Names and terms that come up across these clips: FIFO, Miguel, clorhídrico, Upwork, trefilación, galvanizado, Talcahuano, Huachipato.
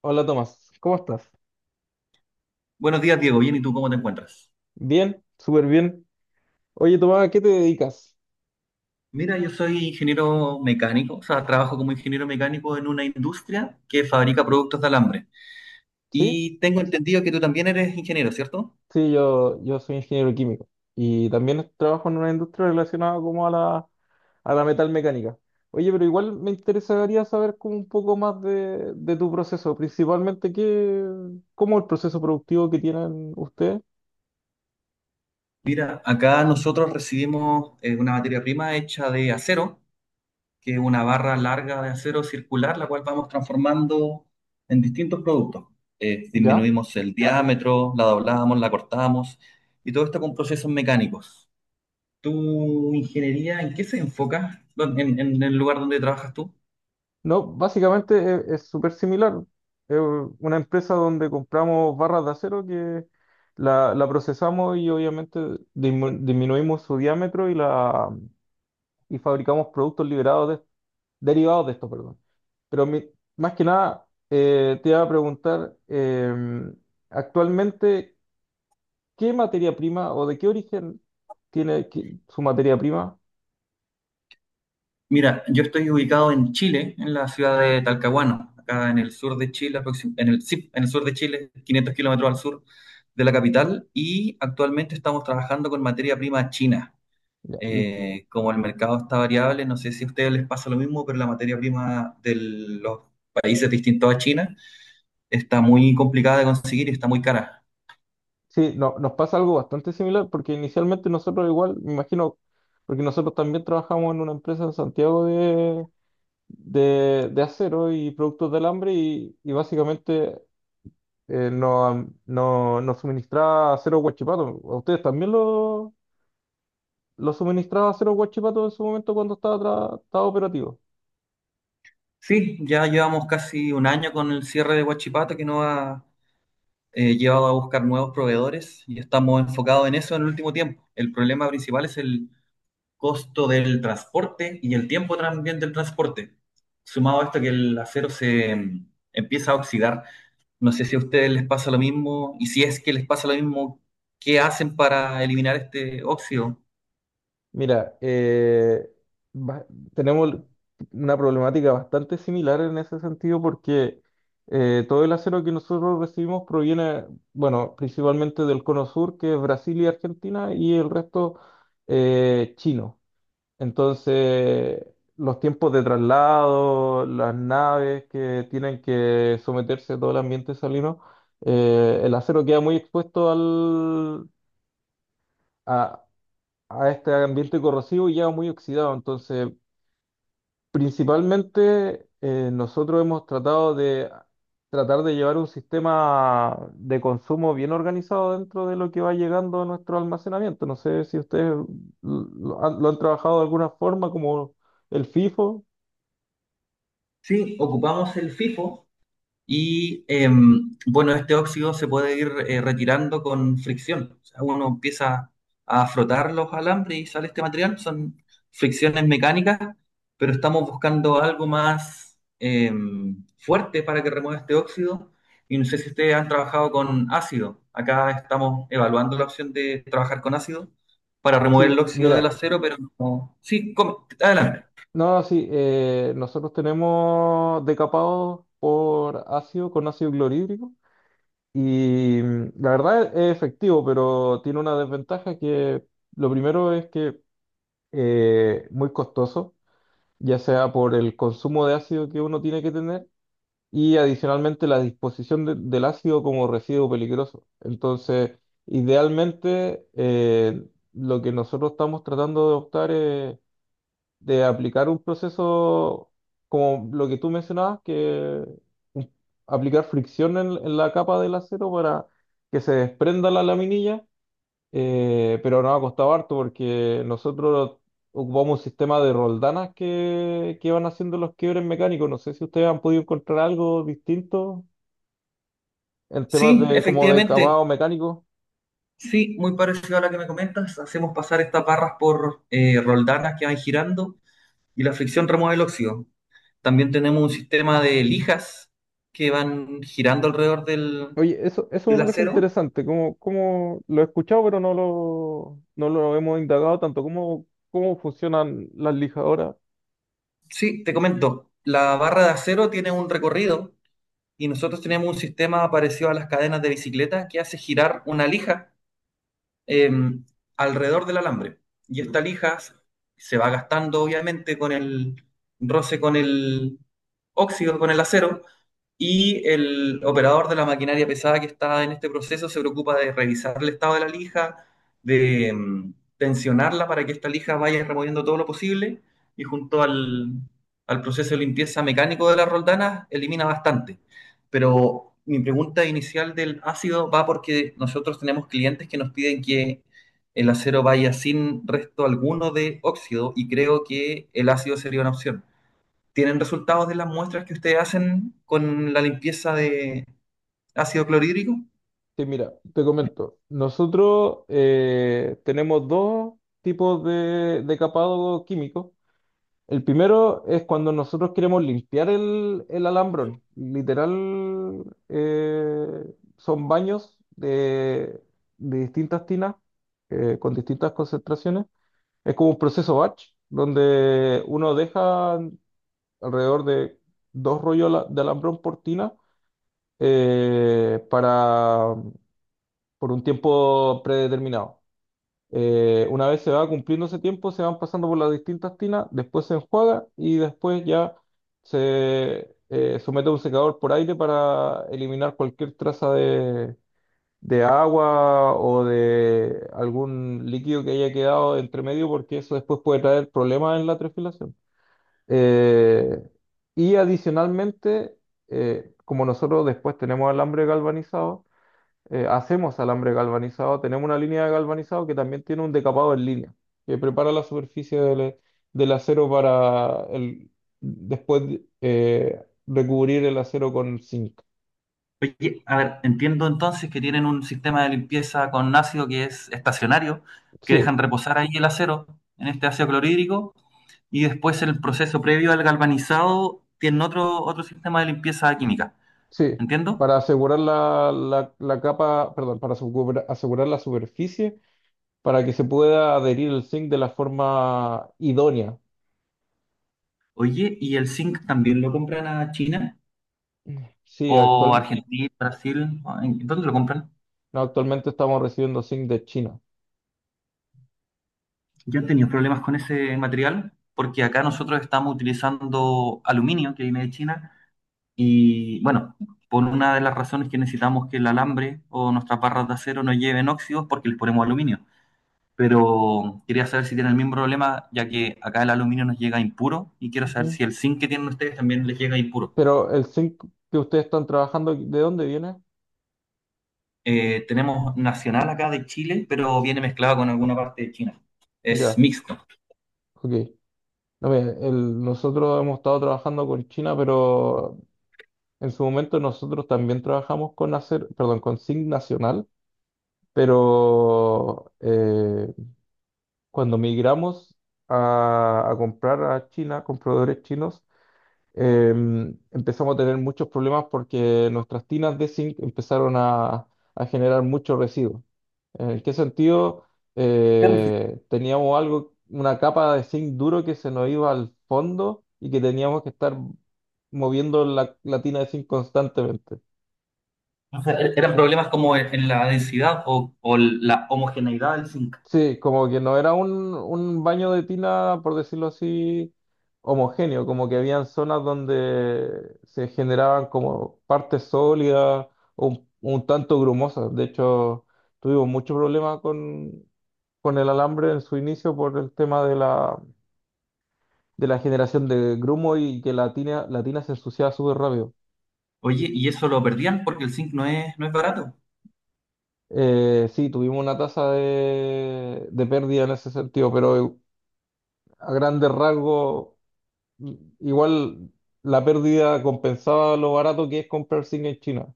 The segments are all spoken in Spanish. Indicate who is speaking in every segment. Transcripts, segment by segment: Speaker 1: Hola Tomás, ¿cómo estás?
Speaker 2: Buenos días, Diego. Bien, ¿y tú cómo te encuentras?
Speaker 1: Bien, súper bien. Oye Tomás, ¿a qué te dedicas?
Speaker 2: Mira, yo soy ingeniero mecánico, o sea, trabajo como ingeniero mecánico en una industria que fabrica productos de alambre.
Speaker 1: ¿Sí?
Speaker 2: Y tengo entendido que tú también eres ingeniero, ¿cierto?
Speaker 1: Sí, yo soy ingeniero químico y también trabajo en una industria relacionada como a la metalmecánica. Oye, pero igual me interesaría saber como un poco más de tu proceso, cómo el proceso productivo que tienen ustedes.
Speaker 2: Mira, acá nosotros recibimos una materia prima hecha de acero, que es una barra larga de acero circular, la cual vamos transformando en distintos productos.
Speaker 1: ¿Ya?
Speaker 2: Disminuimos el diámetro, la doblamos, la cortamos, y todo esto con procesos mecánicos. ¿Tu ingeniería en qué se enfoca? En el lugar donde trabajas tú?
Speaker 1: No, básicamente es súper similar. Es una empresa donde compramos barras de acero que la procesamos y obviamente disminuimos su diámetro y y fabricamos derivados de esto, perdón. Pero mi- Más que nada, te iba a preguntar, actualmente, ¿qué materia prima o de qué origen su materia prima?
Speaker 2: Mira, yo estoy ubicado en Chile, en la ciudad de Talcahuano, acá en el sur de Chile, en el, sí, en el sur de Chile, 500 kilómetros al sur de la capital, y actualmente estamos trabajando con materia prima china.
Speaker 1: Ya, ¿y
Speaker 2: Como el mercado está variable, no sé si a ustedes les pasa lo mismo, pero la materia prima de los países distintos a China está muy complicada de conseguir y está muy cara.
Speaker 1: sí, nos pasa algo bastante similar porque inicialmente nosotros igual, me imagino, porque nosotros también trabajamos en una empresa en Santiago de acero y productos de alambre y básicamente nos no, nos suministraba acero Huachipato. ¿A ustedes también lo suministraba acero Huachipato en su momento cuando estaba operativo?
Speaker 2: Sí, ya llevamos casi un año con el cierre de Huachipato que nos ha llevado a buscar nuevos proveedores y estamos enfocados en eso en el último tiempo. El problema principal es el costo del transporte y el tiempo también del transporte. Sumado a esto que el acero se empieza a oxidar. No sé si a ustedes les pasa lo mismo y si es que les pasa lo mismo, ¿qué hacen para eliminar este óxido?
Speaker 1: Mira, ba- tenemos una problemática bastante similar en ese sentido porque todo el acero que nosotros recibimos proviene, bueno, principalmente del Cono Sur, que es Brasil y Argentina, y el resto chino. Entonces, los tiempos de traslado, las naves que tienen que someterse a todo el ambiente salino, el acero queda muy expuesto al, a a este ambiente corrosivo y ya muy oxidado. Entonces, principalmente nosotros hemos tratado de tratar de llevar un sistema de consumo bien organizado dentro de lo que va llegando a nuestro almacenamiento. No sé si ustedes lo han trabajado de alguna forma, como el FIFO.
Speaker 2: Sí, ocupamos el FIFO. Bueno, este óxido se puede ir retirando con fricción. O sea, uno empieza a frotar los alambres y sale este material. Son fricciones mecánicas, pero estamos buscando algo más fuerte para que remueva este óxido. Y no sé si ustedes han trabajado con ácido. Acá estamos evaluando la opción de trabajar con ácido para remover el
Speaker 1: Sí,
Speaker 2: óxido del
Speaker 1: mira,
Speaker 2: acero, pero adelante.
Speaker 1: no, sí, nosotros tenemos decapados por ácido, con ácido clorhídrico. Y mm, la verdad es efectivo, pero tiene una desventaja que lo primero es que muy costoso, ya sea por el consumo de ácido que uno tiene que tener y adicionalmente la disposición del ácido como residuo peligroso. Entonces, idealmente lo que nosotros estamos tratando de optar de aplicar un proceso como lo que tú mencionabas, un- aplicar fricción en la capa del acero para que se desprenda la laminilla, pero nos ha costado harto porque nosotros ocupamos un sistema de roldanas que van haciendo los quiebres mecánicos. No sé si ustedes han podido encontrar algo distinto en temas
Speaker 2: Sí,
Speaker 1: de como de
Speaker 2: efectivamente.
Speaker 1: acabado mecánico.
Speaker 2: Sí, muy parecido a la que me comentas. Hacemos pasar estas barras por roldanas que van girando y la fricción remueve el óxido. También tenemos un sistema de lijas que van girando alrededor del,
Speaker 1: Oye, eso me
Speaker 2: del
Speaker 1: parece
Speaker 2: acero.
Speaker 1: interesante, como lo he escuchado, pero no lo hemos indagado tanto, cómo, cómo funcionan las lijadoras.
Speaker 2: Sí, te comento, la barra de acero tiene un recorrido y nosotros tenemos un sistema parecido a las cadenas de bicicleta que hace girar una lija eh, alrededor del alambre. Y esta lija se va gastando obviamente con el roce con el óxido, con el acero. Y el operador de la maquinaria pesada que está en este proceso se preocupa de revisar el estado de la lija, de tensionarla para que esta lija vaya removiendo todo lo posible y junto al, al proceso de limpieza mecánico de las roldanas elimina bastante. Pero mi pregunta inicial del ácido va porque nosotros tenemos clientes que nos piden que el acero vaya sin resto alguno de óxido y creo que el ácido sería una opción. ¿Tienen resultados de las muestras que ustedes hacen con la limpieza de ácido clorhídrico?
Speaker 1: Sí, mira, te comento, nosotros tenemos dos tipos de capado químico. El primero es cuando nosotros queremos limpiar el alambrón. Literal, eh, son baños de distintas tinas con distintas concentraciones. Es como un proceso batch, donde uno deja alrededor de dos de alambrón por tina para, por un tiempo predeterminado. Una vez se va cumpliendo ese tiempo, se van pasando por las distintas tinas, después se enjuaga y después ya se somete a un secador por aire para eliminar cualquier traza de agua o de algún líquido que haya quedado entre medio, porque eso después puede traer problemas en la trefilación. Eh, y adicionalmente, como nosotros después tenemos alambre galvanizado, hacemos alambre galvanizado, tenemos una línea de galvanizado que también tiene un decapado en línea, que prepara la superficie del acero para el, después recubrir el acero con zinc.
Speaker 2: Oye, a ver, entiendo entonces que tienen un sistema de limpieza con ácido que es estacionario, que dejan
Speaker 1: Sí,
Speaker 2: reposar ahí el acero en este ácido clorhídrico y después en el proceso previo al galvanizado tienen otro, otro sistema de limpieza química.
Speaker 1: sí,
Speaker 2: ¿Entiendo?
Speaker 1: para asegurar la capa, perdón, para asegurar la superficie, para que se pueda adherir el zinc de la forma idónea.
Speaker 2: Oye, ¿y el zinc también lo compran a China
Speaker 1: Sí,
Speaker 2: o
Speaker 1: actual,
Speaker 2: Argentina, Brasil? ¿Dónde lo compran?
Speaker 1: no, actualmente estamos recibiendo zinc de China.
Speaker 2: Yo he tenido problemas con ese material porque acá nosotros estamos utilizando aluminio que viene de China y bueno, por una de las razones que necesitamos que el alambre o nuestras barras de acero no lleven óxidos porque les ponemos aluminio. Pero quería saber si tienen el mismo problema ya que acá el aluminio nos llega impuro y quiero saber
Speaker 1: Ujú.
Speaker 2: si el zinc que tienen ustedes también les llega impuro.
Speaker 1: Pero el zinc que ustedes están trabajando, ¿de dónde viene?
Speaker 2: Tenemos nacional acá de Chile, pero viene mezclado con alguna parte de China. Es
Speaker 1: Ya,
Speaker 2: mixto.
Speaker 1: ok. No, mira, nosotros hemos estado trabajando con China, pero en su momento nosotros también trabajamos con con zinc nacional, pero cuando migramos a comprar a China, compradores chinos, em, empezamos a tener muchos problemas porque nuestras tinas de zinc empezaron a generar mucho residuo. ¿En qué sentido? Teníamos algo, una capa de zinc duro que se nos iba al fondo y que teníamos que estar moviendo la tina de zinc constantemente.
Speaker 2: O sea, eran problemas como en la densidad o la homogeneidad del zinc.
Speaker 1: Sí, como que no era un baño de tina, por decirlo así, homogéneo, como que habían zonas donde se generaban como partes sólidas, un tanto grumosas. De hecho, tuvimos mucho problema con el alambre en su inicio por el tema de de la generación de grumo y que la tina se ensuciaba súper rápido.
Speaker 2: Oye, y eso lo perdían porque el zinc no es, no es barato.
Speaker 1: Sí, tuvimos una tasa de pérdida en ese sentido, pero a grandes rasgos, igual la pérdida compensaba lo barato que es comprar zinc en China.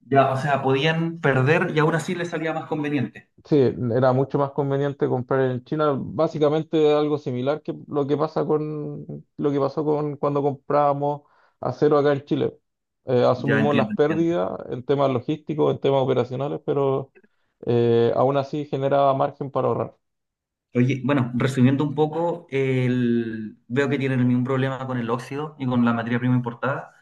Speaker 2: Ya, o sea, podían perder y aún así les salía más conveniente.
Speaker 1: Sí, era mucho más conveniente comprar en China, básicamente algo similar que lo que pasó con cuando comprábamos acero acá en Chile.
Speaker 2: Ya
Speaker 1: Asumimos las
Speaker 2: entiendo, entiendo.
Speaker 1: pérdidas en temas logísticos, en temas operacionales, pero aún así generaba margen para ahorrar.
Speaker 2: Oye, bueno, resumiendo un poco, el- veo que tienen el mismo problema con el óxido y con la materia prima importada.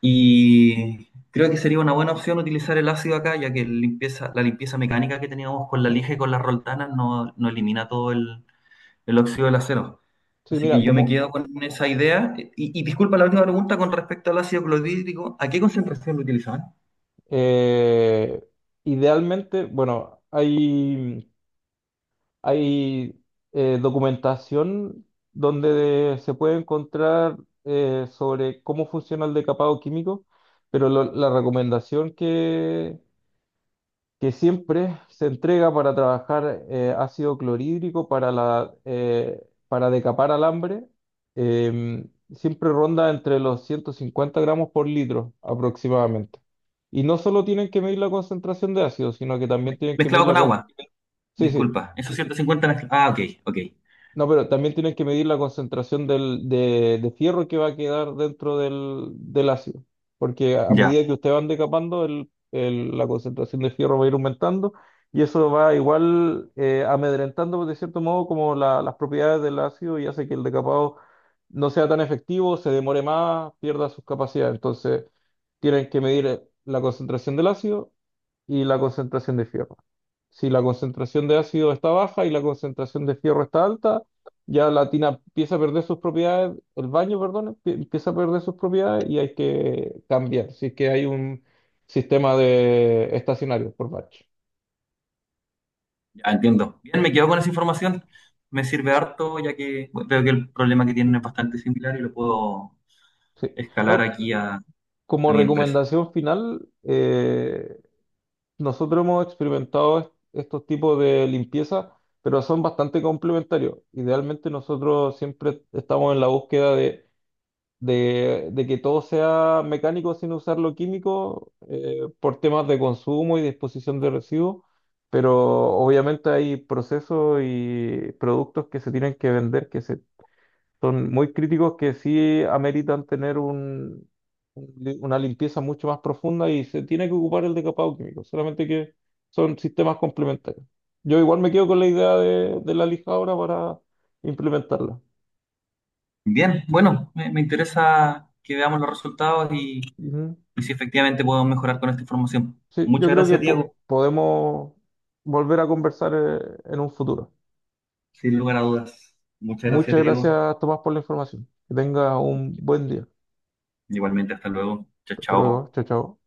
Speaker 2: Y creo que sería una buena opción utilizar el ácido acá, ya que limpieza, la limpieza mecánica que teníamos con la lija y con las roldanas no, no elimina todo el óxido del acero.
Speaker 1: Sí,
Speaker 2: Así
Speaker 1: mira,
Speaker 2: que yo me
Speaker 1: como
Speaker 2: quedo con esa idea. Y disculpa la última pregunta con respecto al ácido clorhídrico. ¿A qué concentración lo utilizaban?
Speaker 1: eh, idealmente, bueno, hay documentación donde se puede encontrar sobre cómo funciona el decapado químico, pero la recomendación que siempre se entrega para trabajar ácido clorhídrico para decapar alambre eh, siempre ronda entre los 150 gramos por litro aproximadamente. Y no solo tienen que medir la concentración de ácido, sino que también tienen que medir
Speaker 2: Mezclado
Speaker 1: la...
Speaker 2: con
Speaker 1: can-
Speaker 2: agua.
Speaker 1: Sí, sí.
Speaker 2: Disculpa. Esos 150 mezcla- Ah, ok, ok.
Speaker 1: No, pero también tienes que medir la concentración de fierro que va a quedar dentro del ácido, porque a
Speaker 2: Ya,
Speaker 1: medida que ustedes van decapando, la concentración de fierro va a ir aumentando y eso va igual amedrentando pues, de cierto modo como las propiedades del ácido y hace que el decapado no sea tan efectivo, se demore más, pierda sus capacidades. Entonces, tienen que medir la concentración del ácido y la concentración de fierro. Si la concentración de ácido está baja y la concentración de fierro está alta, ya la tina empieza a perder sus propiedades, el baño, perdón, empieza a perder sus propiedades y hay que cambiar. Si es que hay un sistema de estacionario por batch.
Speaker 2: ya entiendo. Bien, me quedo con esa información. Me sirve harto, ya que bueno, veo que el problema que tienen es
Speaker 1: Mm.
Speaker 2: bastante similar y lo puedo
Speaker 1: Sí.
Speaker 2: escalar
Speaker 1: No,
Speaker 2: aquí a
Speaker 1: como
Speaker 2: mi empresa.
Speaker 1: recomendación final, nosotros hemos experimentado estos tipos de limpieza, pero son bastante complementarios. Idealmente nosotros siempre estamos en la búsqueda de que todo sea mecánico sin usar lo químico por temas de consumo y disposición de residuos, pero obviamente hay procesos y productos que se tienen que vender son muy críticos que sí ameritan tener una limpieza mucho más profunda y se tiene que ocupar el decapado químico, solamente que son sistemas complementarios. Yo igual me quedo con la idea de la lijadora para implementarla.
Speaker 2: Bien, bueno, me interesa que veamos los resultados y si efectivamente podemos mejorar con esta información.
Speaker 1: Sí, yo
Speaker 2: Muchas
Speaker 1: creo que
Speaker 2: gracias, Diego.
Speaker 1: podemos volver a conversar en un futuro.
Speaker 2: Sin lugar a dudas. Muchas gracias,
Speaker 1: Muchas
Speaker 2: Diego.
Speaker 1: gracias, Tomás, por la información. Que tengas un buen día.
Speaker 2: Igualmente, hasta luego. Chao,
Speaker 1: Hasta luego.
Speaker 2: chao.
Speaker 1: Chao, chao.